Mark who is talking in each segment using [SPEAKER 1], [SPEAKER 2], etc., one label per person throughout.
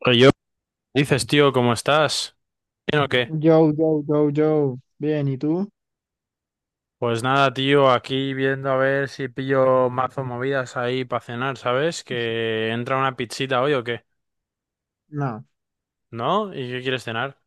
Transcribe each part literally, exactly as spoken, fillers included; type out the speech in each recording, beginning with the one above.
[SPEAKER 1] Oye, yo, dices, tío, ¿cómo estás? ¿Bien o qué?
[SPEAKER 2] Yo, yo, yo, yo. Bien, ¿y tú?
[SPEAKER 1] Pues nada, tío, aquí viendo a ver si pillo mazo movidas ahí para cenar, ¿sabes?
[SPEAKER 2] Sí.
[SPEAKER 1] Que entra una pizzita hoy o qué,
[SPEAKER 2] No,
[SPEAKER 1] ¿no? ¿Y qué quieres cenar?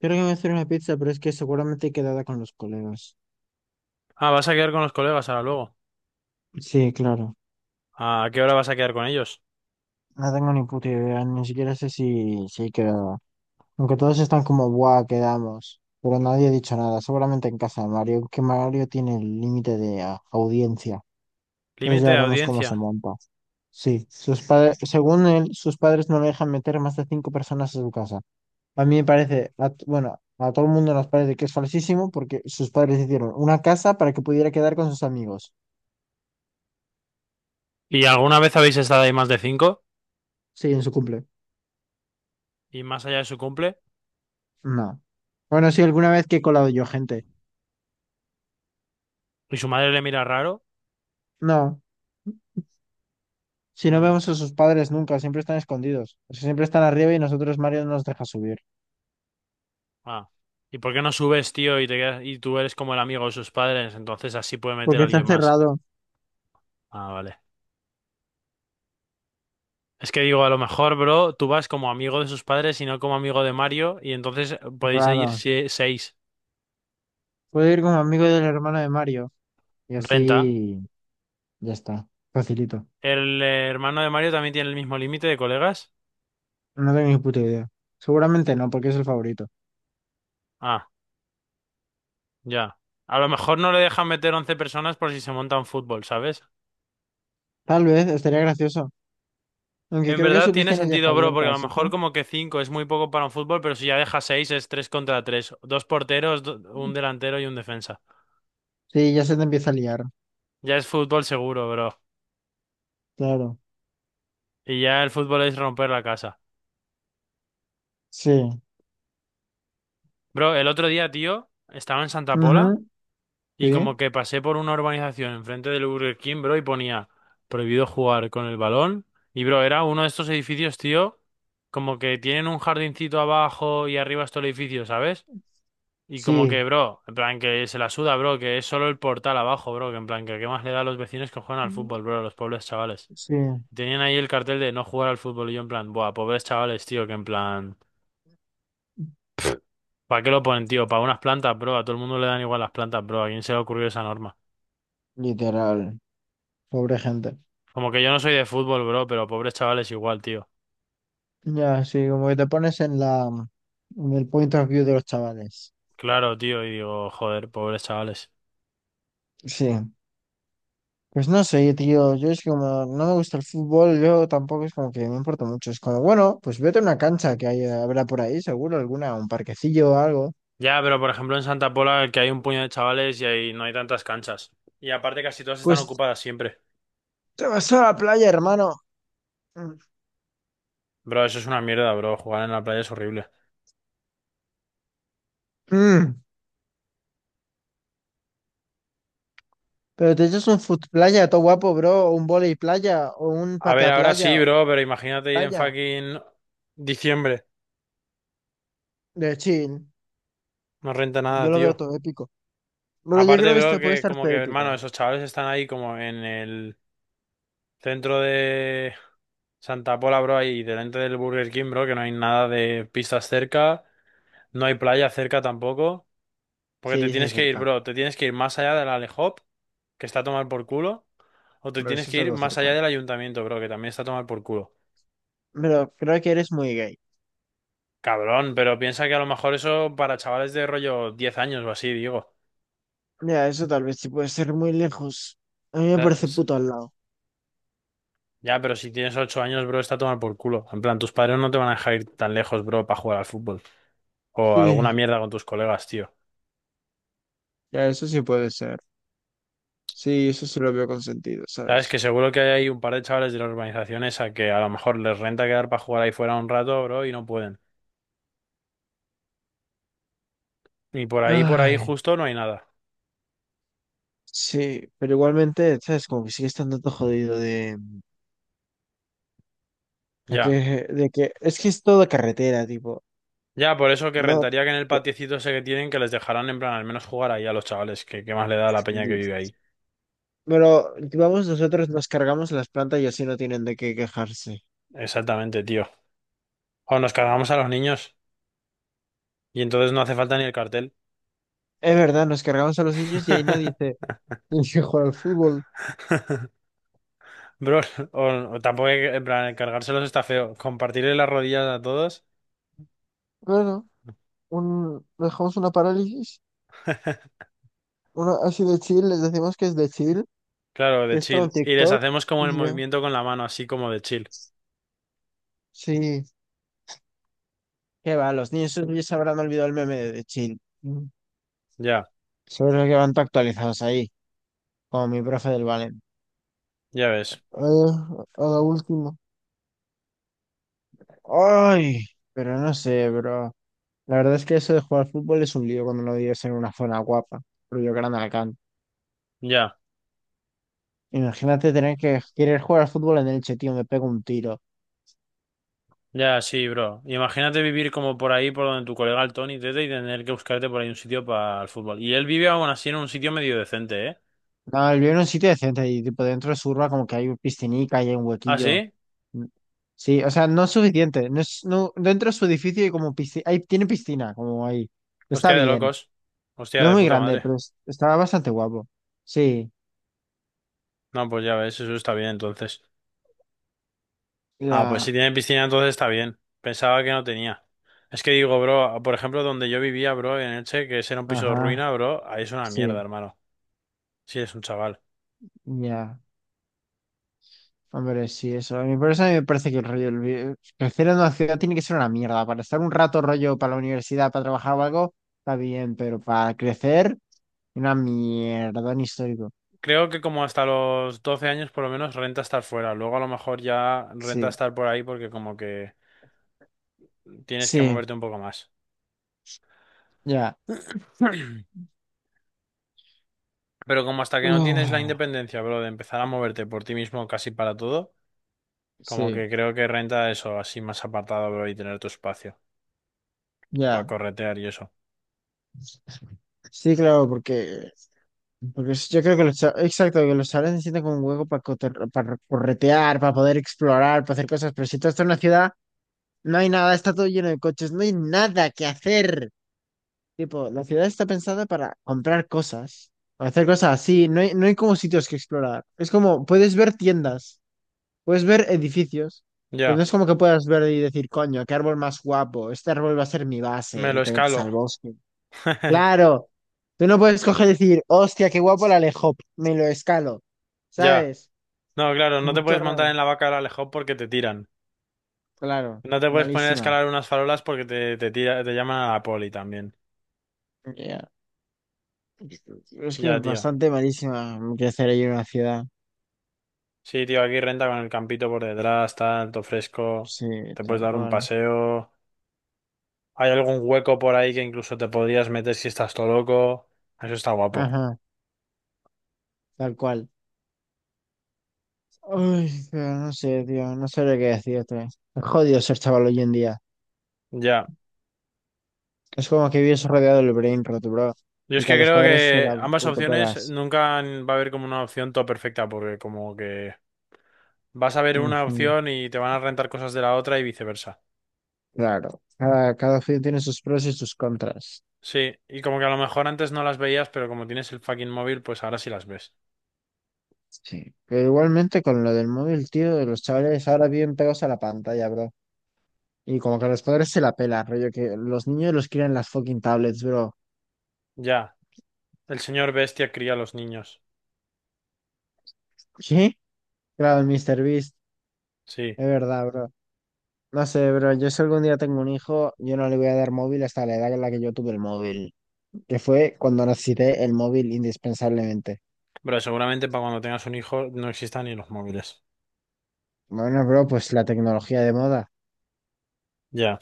[SPEAKER 2] creo que me voy a hacer una pizza, pero es que seguramente he quedado con los colegas.
[SPEAKER 1] Ah, vas a quedar con los colegas ahora luego.
[SPEAKER 2] Sí, claro.
[SPEAKER 1] ¿A qué hora vas a quedar con ellos?
[SPEAKER 2] No tengo ni puta idea, ni siquiera sé si, si he quedado. Aunque todos están como, buah, quedamos. Pero nadie ha dicho nada, seguramente en casa de Mario, que Mario tiene el límite de ah, audiencia. Entonces ya
[SPEAKER 1] Límite de
[SPEAKER 2] veremos cómo se
[SPEAKER 1] audiencia.
[SPEAKER 2] monta. Sí, sus padres, según él, sus padres no le dejan meter más de cinco personas a su casa. A mí me parece, a t- bueno, a todo el mundo nos parece que es falsísimo porque sus padres hicieron una casa para que pudiera quedar con sus amigos.
[SPEAKER 1] ¿Y alguna vez habéis estado ahí más de cinco?
[SPEAKER 2] Sí, en su cumple.
[SPEAKER 1] ¿Y más allá de su cumple?
[SPEAKER 2] No. Bueno, sí, alguna vez que he colado yo gente.
[SPEAKER 1] ¿Y su madre le mira raro?
[SPEAKER 2] No. Si no
[SPEAKER 1] Mm,
[SPEAKER 2] vemos a sus padres nunca, siempre están escondidos. O sea, siempre están arriba y nosotros Mario no nos deja subir.
[SPEAKER 1] ah. ¿Y por qué no subes, tío, y te quedas- y tú eres como el amigo de sus padres? Entonces así puede meter
[SPEAKER 2] Porque
[SPEAKER 1] a
[SPEAKER 2] está
[SPEAKER 1] alguien más.
[SPEAKER 2] cerrado.
[SPEAKER 1] Ah, vale. Es que digo, a lo mejor, bro, tú vas como amigo de sus padres y no como amigo de Mario, y entonces eh, podéis ir
[SPEAKER 2] Raro.
[SPEAKER 1] sie- seis.
[SPEAKER 2] Puedo ir como amigo del hermano de Mario. Y
[SPEAKER 1] Renta.
[SPEAKER 2] así ya está. Facilito.
[SPEAKER 1] ¿El eh, hermano de Mario también tiene el mismo límite de colegas?
[SPEAKER 2] No tengo ni puta idea. Seguramente no, porque es el favorito.
[SPEAKER 1] Ah, ya. A lo mejor no le dejan meter once personas por si se monta un fútbol, ¿sabes?
[SPEAKER 2] Tal vez estaría gracioso. Aunque
[SPEAKER 1] En
[SPEAKER 2] creo que su
[SPEAKER 1] verdad tiene
[SPEAKER 2] piscina ya está
[SPEAKER 1] sentido, bro,
[SPEAKER 2] abierta,
[SPEAKER 1] porque a lo
[SPEAKER 2] así que.
[SPEAKER 1] mejor como que cinco es muy poco para un fútbol, pero si ya deja seis es tres contra tres. Dos porteros, do- un delantero y un defensa.
[SPEAKER 2] Sí, ya se te empieza a liar.
[SPEAKER 1] Ya es fútbol seguro, bro.
[SPEAKER 2] Claro.
[SPEAKER 1] Y ya el fútbol es romper la casa.
[SPEAKER 2] Sí.
[SPEAKER 1] Bro, el otro día, tío, estaba en Santa Pola.
[SPEAKER 2] Ujú.
[SPEAKER 1] Y
[SPEAKER 2] Sí.
[SPEAKER 1] como que pasé por una urbanización enfrente del Burger King, bro, y ponía prohibido jugar con el balón. Y, bro, era uno de estos edificios, tío, como que tienen un jardincito abajo y arriba es todo el edificio, ¿sabes? Y como
[SPEAKER 2] Sí.
[SPEAKER 1] que, bro, en plan que se la suda, bro, que es solo el portal abajo, bro, que en plan que qué más le da a los vecinos que juegan al
[SPEAKER 2] Ujú.
[SPEAKER 1] fútbol, bro, a los pobres chavales.
[SPEAKER 2] Sí.
[SPEAKER 1] Tenían ahí el cartel de no jugar al fútbol y yo en plan, buah, pobres chavales, tío, que en plan, ¿para qué lo ponen, tío? Para unas plantas, bro, a todo el mundo le dan igual las plantas, bro, ¿a quién se le ocurrió esa norma?
[SPEAKER 2] Literal. Pobre gente.
[SPEAKER 1] Como que yo no soy de fútbol, bro, pero pobres chavales igual, tío.
[SPEAKER 2] Ya, sí, como que te pones en la, en el point of view de los chavales.
[SPEAKER 1] Claro, tío, y digo, joder, pobres chavales.
[SPEAKER 2] Sí. Pues no sé, tío. Yo es que como, no me gusta el fútbol, yo tampoco es como que me importa mucho. Es como, bueno, pues vete a una cancha que hay, habrá por ahí, seguro, alguna, un parquecillo o algo.
[SPEAKER 1] Ya, pero por ejemplo en Santa Pola que hay un puño de chavales y ahí no hay tantas canchas. Y aparte casi todas están
[SPEAKER 2] Pues
[SPEAKER 1] ocupadas siempre.
[SPEAKER 2] te vas a la playa, hermano.
[SPEAKER 1] Bro, eso es una mierda, bro. Jugar en la playa es horrible.
[SPEAKER 2] Mm. Pero te echas un foot playa, todo guapo, bro, o un volei playa, o un
[SPEAKER 1] A ver,
[SPEAKER 2] patea
[SPEAKER 1] ahora
[SPEAKER 2] playa,
[SPEAKER 1] sí, bro, pero imagínate ir en
[SPEAKER 2] playa,
[SPEAKER 1] fucking diciembre.
[SPEAKER 2] de chill.
[SPEAKER 1] No renta
[SPEAKER 2] Yo
[SPEAKER 1] nada,
[SPEAKER 2] lo veo
[SPEAKER 1] tío.
[SPEAKER 2] todo épico. Pero yo
[SPEAKER 1] Aparte,
[SPEAKER 2] creo que
[SPEAKER 1] bro,
[SPEAKER 2] esto puede
[SPEAKER 1] que
[SPEAKER 2] estar
[SPEAKER 1] como
[SPEAKER 2] todo
[SPEAKER 1] que, hermano,
[SPEAKER 2] épico.
[SPEAKER 1] esos chavales están ahí como en el centro de Santa Pola, bro, ahí delante del Burger King, bro, que no hay nada de pistas cerca. No hay playa cerca tampoco. Porque te
[SPEAKER 2] Sí, sí,
[SPEAKER 1] tienes que ir,
[SPEAKER 2] cerca.
[SPEAKER 1] bro. Te tienes que ir más allá del Alehop, que está a tomar por culo. O te
[SPEAKER 2] Pero
[SPEAKER 1] tienes
[SPEAKER 2] eso
[SPEAKER 1] que
[SPEAKER 2] está
[SPEAKER 1] ir
[SPEAKER 2] todo
[SPEAKER 1] más
[SPEAKER 2] cerca.
[SPEAKER 1] allá del ayuntamiento, bro, que también está a tomar por culo.
[SPEAKER 2] Pero creo que eres muy gay.
[SPEAKER 1] Cabrón, pero piensa que a lo mejor eso para chavales de rollo diez años o así, digo. O
[SPEAKER 2] Mira, eso tal vez sí puede ser muy lejos. A mí me
[SPEAKER 1] sea,
[SPEAKER 2] parece
[SPEAKER 1] es-
[SPEAKER 2] puto al lado.
[SPEAKER 1] Ya, pero si tienes ocho años, bro, está a tomar por culo. En plan, tus padres no te van a dejar ir tan lejos, bro, para jugar al fútbol. O alguna
[SPEAKER 2] Sí,
[SPEAKER 1] mierda con tus colegas, tío.
[SPEAKER 2] ya, eso sí puede ser. Sí, eso sí lo veo con sentido,
[SPEAKER 1] Sabes
[SPEAKER 2] ¿sabes?
[SPEAKER 1] que seguro que hay ahí un par de chavales de la urbanización esa que a lo mejor les renta quedar para jugar ahí fuera un rato, bro, y no pueden. Y por ahí, por ahí
[SPEAKER 2] Ay,
[SPEAKER 1] justo no hay nada.
[SPEAKER 2] sí, pero igualmente, ¿sabes? Como que sigue estando todo jodido de... De que,
[SPEAKER 1] Ya.
[SPEAKER 2] de que es que es toda carretera, tipo.
[SPEAKER 1] Ya, por eso que
[SPEAKER 2] No,
[SPEAKER 1] rentaría que en el
[SPEAKER 2] po-
[SPEAKER 1] patiecito ese que tienen que les dejarán en plan al menos jugar ahí a los chavales, que, que más le da a la peña que vive ahí.
[SPEAKER 2] pero vamos, nosotros nos cargamos las plantas y así no tienen de qué quejarse.
[SPEAKER 1] Exactamente, tío. O nos cargamos a los niños y entonces no hace falta ni el cartel.
[SPEAKER 2] Es verdad, nos cargamos a los niños y ahí nadie se elige jugar al fútbol.
[SPEAKER 1] Bro, o, o tampoco hay que- en plan cargárselos está feo. Compartirle las rodillas a todos.
[SPEAKER 2] Bueno, un, dejamos una parálisis, una así de chill, les decimos que es de chill,
[SPEAKER 1] Claro,
[SPEAKER 2] que
[SPEAKER 1] de
[SPEAKER 2] es para un
[SPEAKER 1] chill. Y les
[SPEAKER 2] TikTok
[SPEAKER 1] hacemos como el
[SPEAKER 2] y ya.
[SPEAKER 1] movimiento con la mano, así como de chill.
[SPEAKER 2] Sí, qué va, los niños esos ya se habrán olvidado el meme de, de chill. Mm.
[SPEAKER 1] Ya,
[SPEAKER 2] Seguro que van tan actualizados ahí, como mi profe del Valen.
[SPEAKER 1] ya ves.
[SPEAKER 2] Eh, a la última. Ay, pero no sé, bro. La verdad es que eso de jugar al fútbol es un lío cuando no vives en una zona guapa, rollo Gran alcán.
[SPEAKER 1] Ya.
[SPEAKER 2] Imagínate tener que querer jugar al fútbol en Elche, tío, me pego un tiro.
[SPEAKER 1] Ya, sí, bro. Imagínate vivir como por ahí, por donde tu colega el Tony Tete, y tener que buscarte por ahí un sitio para el fútbol. Y él vive aún así en un sitio medio decente, ¿eh?
[SPEAKER 2] No, yo en un sitio decente y tipo dentro de su urba como que hay un piscinica y hay un
[SPEAKER 1] ¿Ah,
[SPEAKER 2] huequillo.
[SPEAKER 1] sí?
[SPEAKER 2] Sí, o sea, no es suficiente. No es, no, dentro de su edificio hay como piscina, hay, tiene piscina, como ahí. Está
[SPEAKER 1] Hostia, de
[SPEAKER 2] bien.
[SPEAKER 1] locos. Hostia,
[SPEAKER 2] No es
[SPEAKER 1] de
[SPEAKER 2] muy
[SPEAKER 1] puta
[SPEAKER 2] grande,
[SPEAKER 1] madre.
[SPEAKER 2] pero es- está bastante guapo. Sí.
[SPEAKER 1] No, pues ya ves, eso está bien entonces. Ah, pues si
[SPEAKER 2] La...
[SPEAKER 1] tiene piscina entonces está bien. Pensaba que no tenía. Es que digo, bro, por ejemplo, donde yo vivía, bro, en Elche, que ese era un piso de
[SPEAKER 2] Ajá.
[SPEAKER 1] ruina, bro, ahí es una mierda,
[SPEAKER 2] Sí.
[SPEAKER 1] hermano. Sí, es un chaval.
[SPEAKER 2] Ya. Hombre, sí, eso. A mí por eso a mí me parece que el rollo, el vi- crecer en una ciudad tiene que ser una mierda. Para estar un rato rollo para la universidad, para trabajar o algo, está bien, pero para crecer, una mierda, un histórico.
[SPEAKER 1] Creo que como hasta los doce años por lo menos renta estar fuera. Luego a lo mejor ya renta
[SPEAKER 2] Sí,
[SPEAKER 1] estar por ahí porque como que... Tienes que
[SPEAKER 2] sí,
[SPEAKER 1] moverte un poco más.
[SPEAKER 2] ya.
[SPEAKER 1] Pero como hasta que no tienes la
[SPEAKER 2] Uf,
[SPEAKER 1] independencia, bro, de empezar a moverte por ti mismo casi para todo, como
[SPEAKER 2] sí,
[SPEAKER 1] que creo que renta eso, así más apartado, bro, y tener tu espacio para
[SPEAKER 2] ya.
[SPEAKER 1] corretear y eso.
[SPEAKER 2] Sí, claro, porque, porque es- yo creo que los, cha- exacto, que los chavales necesitan como un hueco para, para, corretear, para poder explorar, para hacer cosas, pero si tú estás en una ciudad, no hay nada, está todo lleno de coches, no hay nada que hacer. Tipo, la ciudad está pensada para comprar cosas, para hacer cosas así. No hay, no hay como sitios que explorar. Es como, puedes ver tiendas, puedes ver edificios, pero no
[SPEAKER 1] Ya,
[SPEAKER 2] es como que puedas ver y decir, coño, qué árbol más guapo, este árbol va a ser mi base
[SPEAKER 1] me
[SPEAKER 2] y
[SPEAKER 1] lo
[SPEAKER 2] te metes
[SPEAKER 1] escalo.
[SPEAKER 2] al bosque. Claro, tú no puedes coger y decir, hostia, qué guapo el alejop, me lo escalo,
[SPEAKER 1] Ya.
[SPEAKER 2] ¿sabes?
[SPEAKER 1] No, claro, no
[SPEAKER 2] Como
[SPEAKER 1] te
[SPEAKER 2] todo
[SPEAKER 1] puedes montar
[SPEAKER 2] raro.
[SPEAKER 1] en la vaca del Alejo porque te tiran.
[SPEAKER 2] Claro,
[SPEAKER 1] No te puedes poner a
[SPEAKER 2] malísima.
[SPEAKER 1] escalar unas farolas porque te, te tira, te llaman a la poli también.
[SPEAKER 2] Ya. Es que
[SPEAKER 1] Ya,
[SPEAKER 2] es
[SPEAKER 1] tío.
[SPEAKER 2] bastante malísima crecer ahí en una ciudad.
[SPEAKER 1] Sí, tío, aquí renta con el campito por detrás, tal, todo fresco.
[SPEAKER 2] Sí,
[SPEAKER 1] Te puedes
[SPEAKER 2] tal
[SPEAKER 1] dar un
[SPEAKER 2] cual.
[SPEAKER 1] paseo. Hay algún hueco por ahí que incluso te podrías meter si estás todo loco. Eso está guapo.
[SPEAKER 2] Ajá. Tal cual. Uy, pero no sé, tío, no sabría qué decirte. Es jodido ser chaval hoy en día.
[SPEAKER 1] Ya.
[SPEAKER 2] Es como que vives rodeado del brain rot, bro.
[SPEAKER 1] Yo
[SPEAKER 2] Y
[SPEAKER 1] es
[SPEAKER 2] que
[SPEAKER 1] que
[SPEAKER 2] a los
[SPEAKER 1] creo
[SPEAKER 2] padres se la
[SPEAKER 1] que ambas
[SPEAKER 2] puto
[SPEAKER 1] opciones
[SPEAKER 2] pelas.
[SPEAKER 1] nunca va a haber como una opción todo perfecta, porque como que vas a ver una
[SPEAKER 2] Ujú.
[SPEAKER 1] opción y te van a rentar cosas de la otra y viceversa.
[SPEAKER 2] Claro. Cada, cada opción tiene sus pros y sus contras.
[SPEAKER 1] Sí, y como que a lo mejor antes no las veías, pero como tienes el fucking móvil, pues ahora sí las ves.
[SPEAKER 2] Sí. Pero igualmente con lo del móvil, tío, los chavales ahora viven pegados a la pantalla, bro. Y como que a los padres se la pela, rollo, que los niños los crían en las fucking tablets, bro.
[SPEAKER 1] Ya. El señor bestia cría a los niños.
[SPEAKER 2] ¿Sí? Claro, el míster Beast.
[SPEAKER 1] Sí.
[SPEAKER 2] Es verdad, bro. No sé, pero yo si algún día tengo un hijo, yo no le voy a dar móvil hasta la edad en la que yo tuve el móvil, que fue cuando necesité el móvil indispensablemente.
[SPEAKER 1] Pero seguramente para cuando tengas un hijo no existan ni los móviles.
[SPEAKER 2] Bueno, bro, pues la tecnología de moda.
[SPEAKER 1] Ya.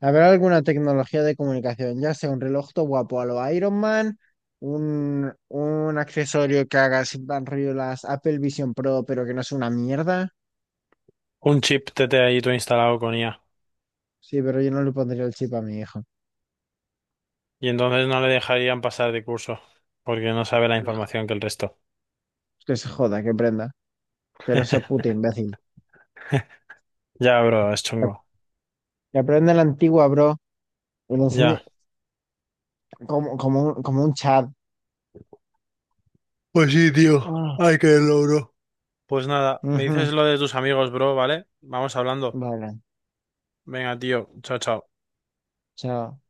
[SPEAKER 2] ¿Habrá alguna tecnología de comunicación? Ya sea un reloj todo guapo a lo Iron Man, un, un accesorio que haga así, en rollo las Apple Vision Pro, pero que no sea una mierda.
[SPEAKER 1] Un chip T T ahí tú instalado con i a.
[SPEAKER 2] Sí, pero yo no le pondría el chip a mi hijo.
[SPEAKER 1] Y entonces no le dejarían pasar de curso, porque no sabe la información que el resto.
[SPEAKER 2] Que se joda, que prenda. Pero ese puto imbécil.
[SPEAKER 1] Ya, bro, es
[SPEAKER 2] Que
[SPEAKER 1] chungo.
[SPEAKER 2] que aprenda la antigua, bro. Y le enseñe
[SPEAKER 1] Ya.
[SPEAKER 2] como, como, un- como un chat.
[SPEAKER 1] Pues sí, tío.
[SPEAKER 2] Ah,
[SPEAKER 1] Ay, bro. Pues nada, me dices
[SPEAKER 2] ujú.
[SPEAKER 1] lo de tus amigos, bro, ¿vale? Vamos hablando.
[SPEAKER 2] Vale,
[SPEAKER 1] Venga, tío. Chao, chao.
[SPEAKER 2] chao.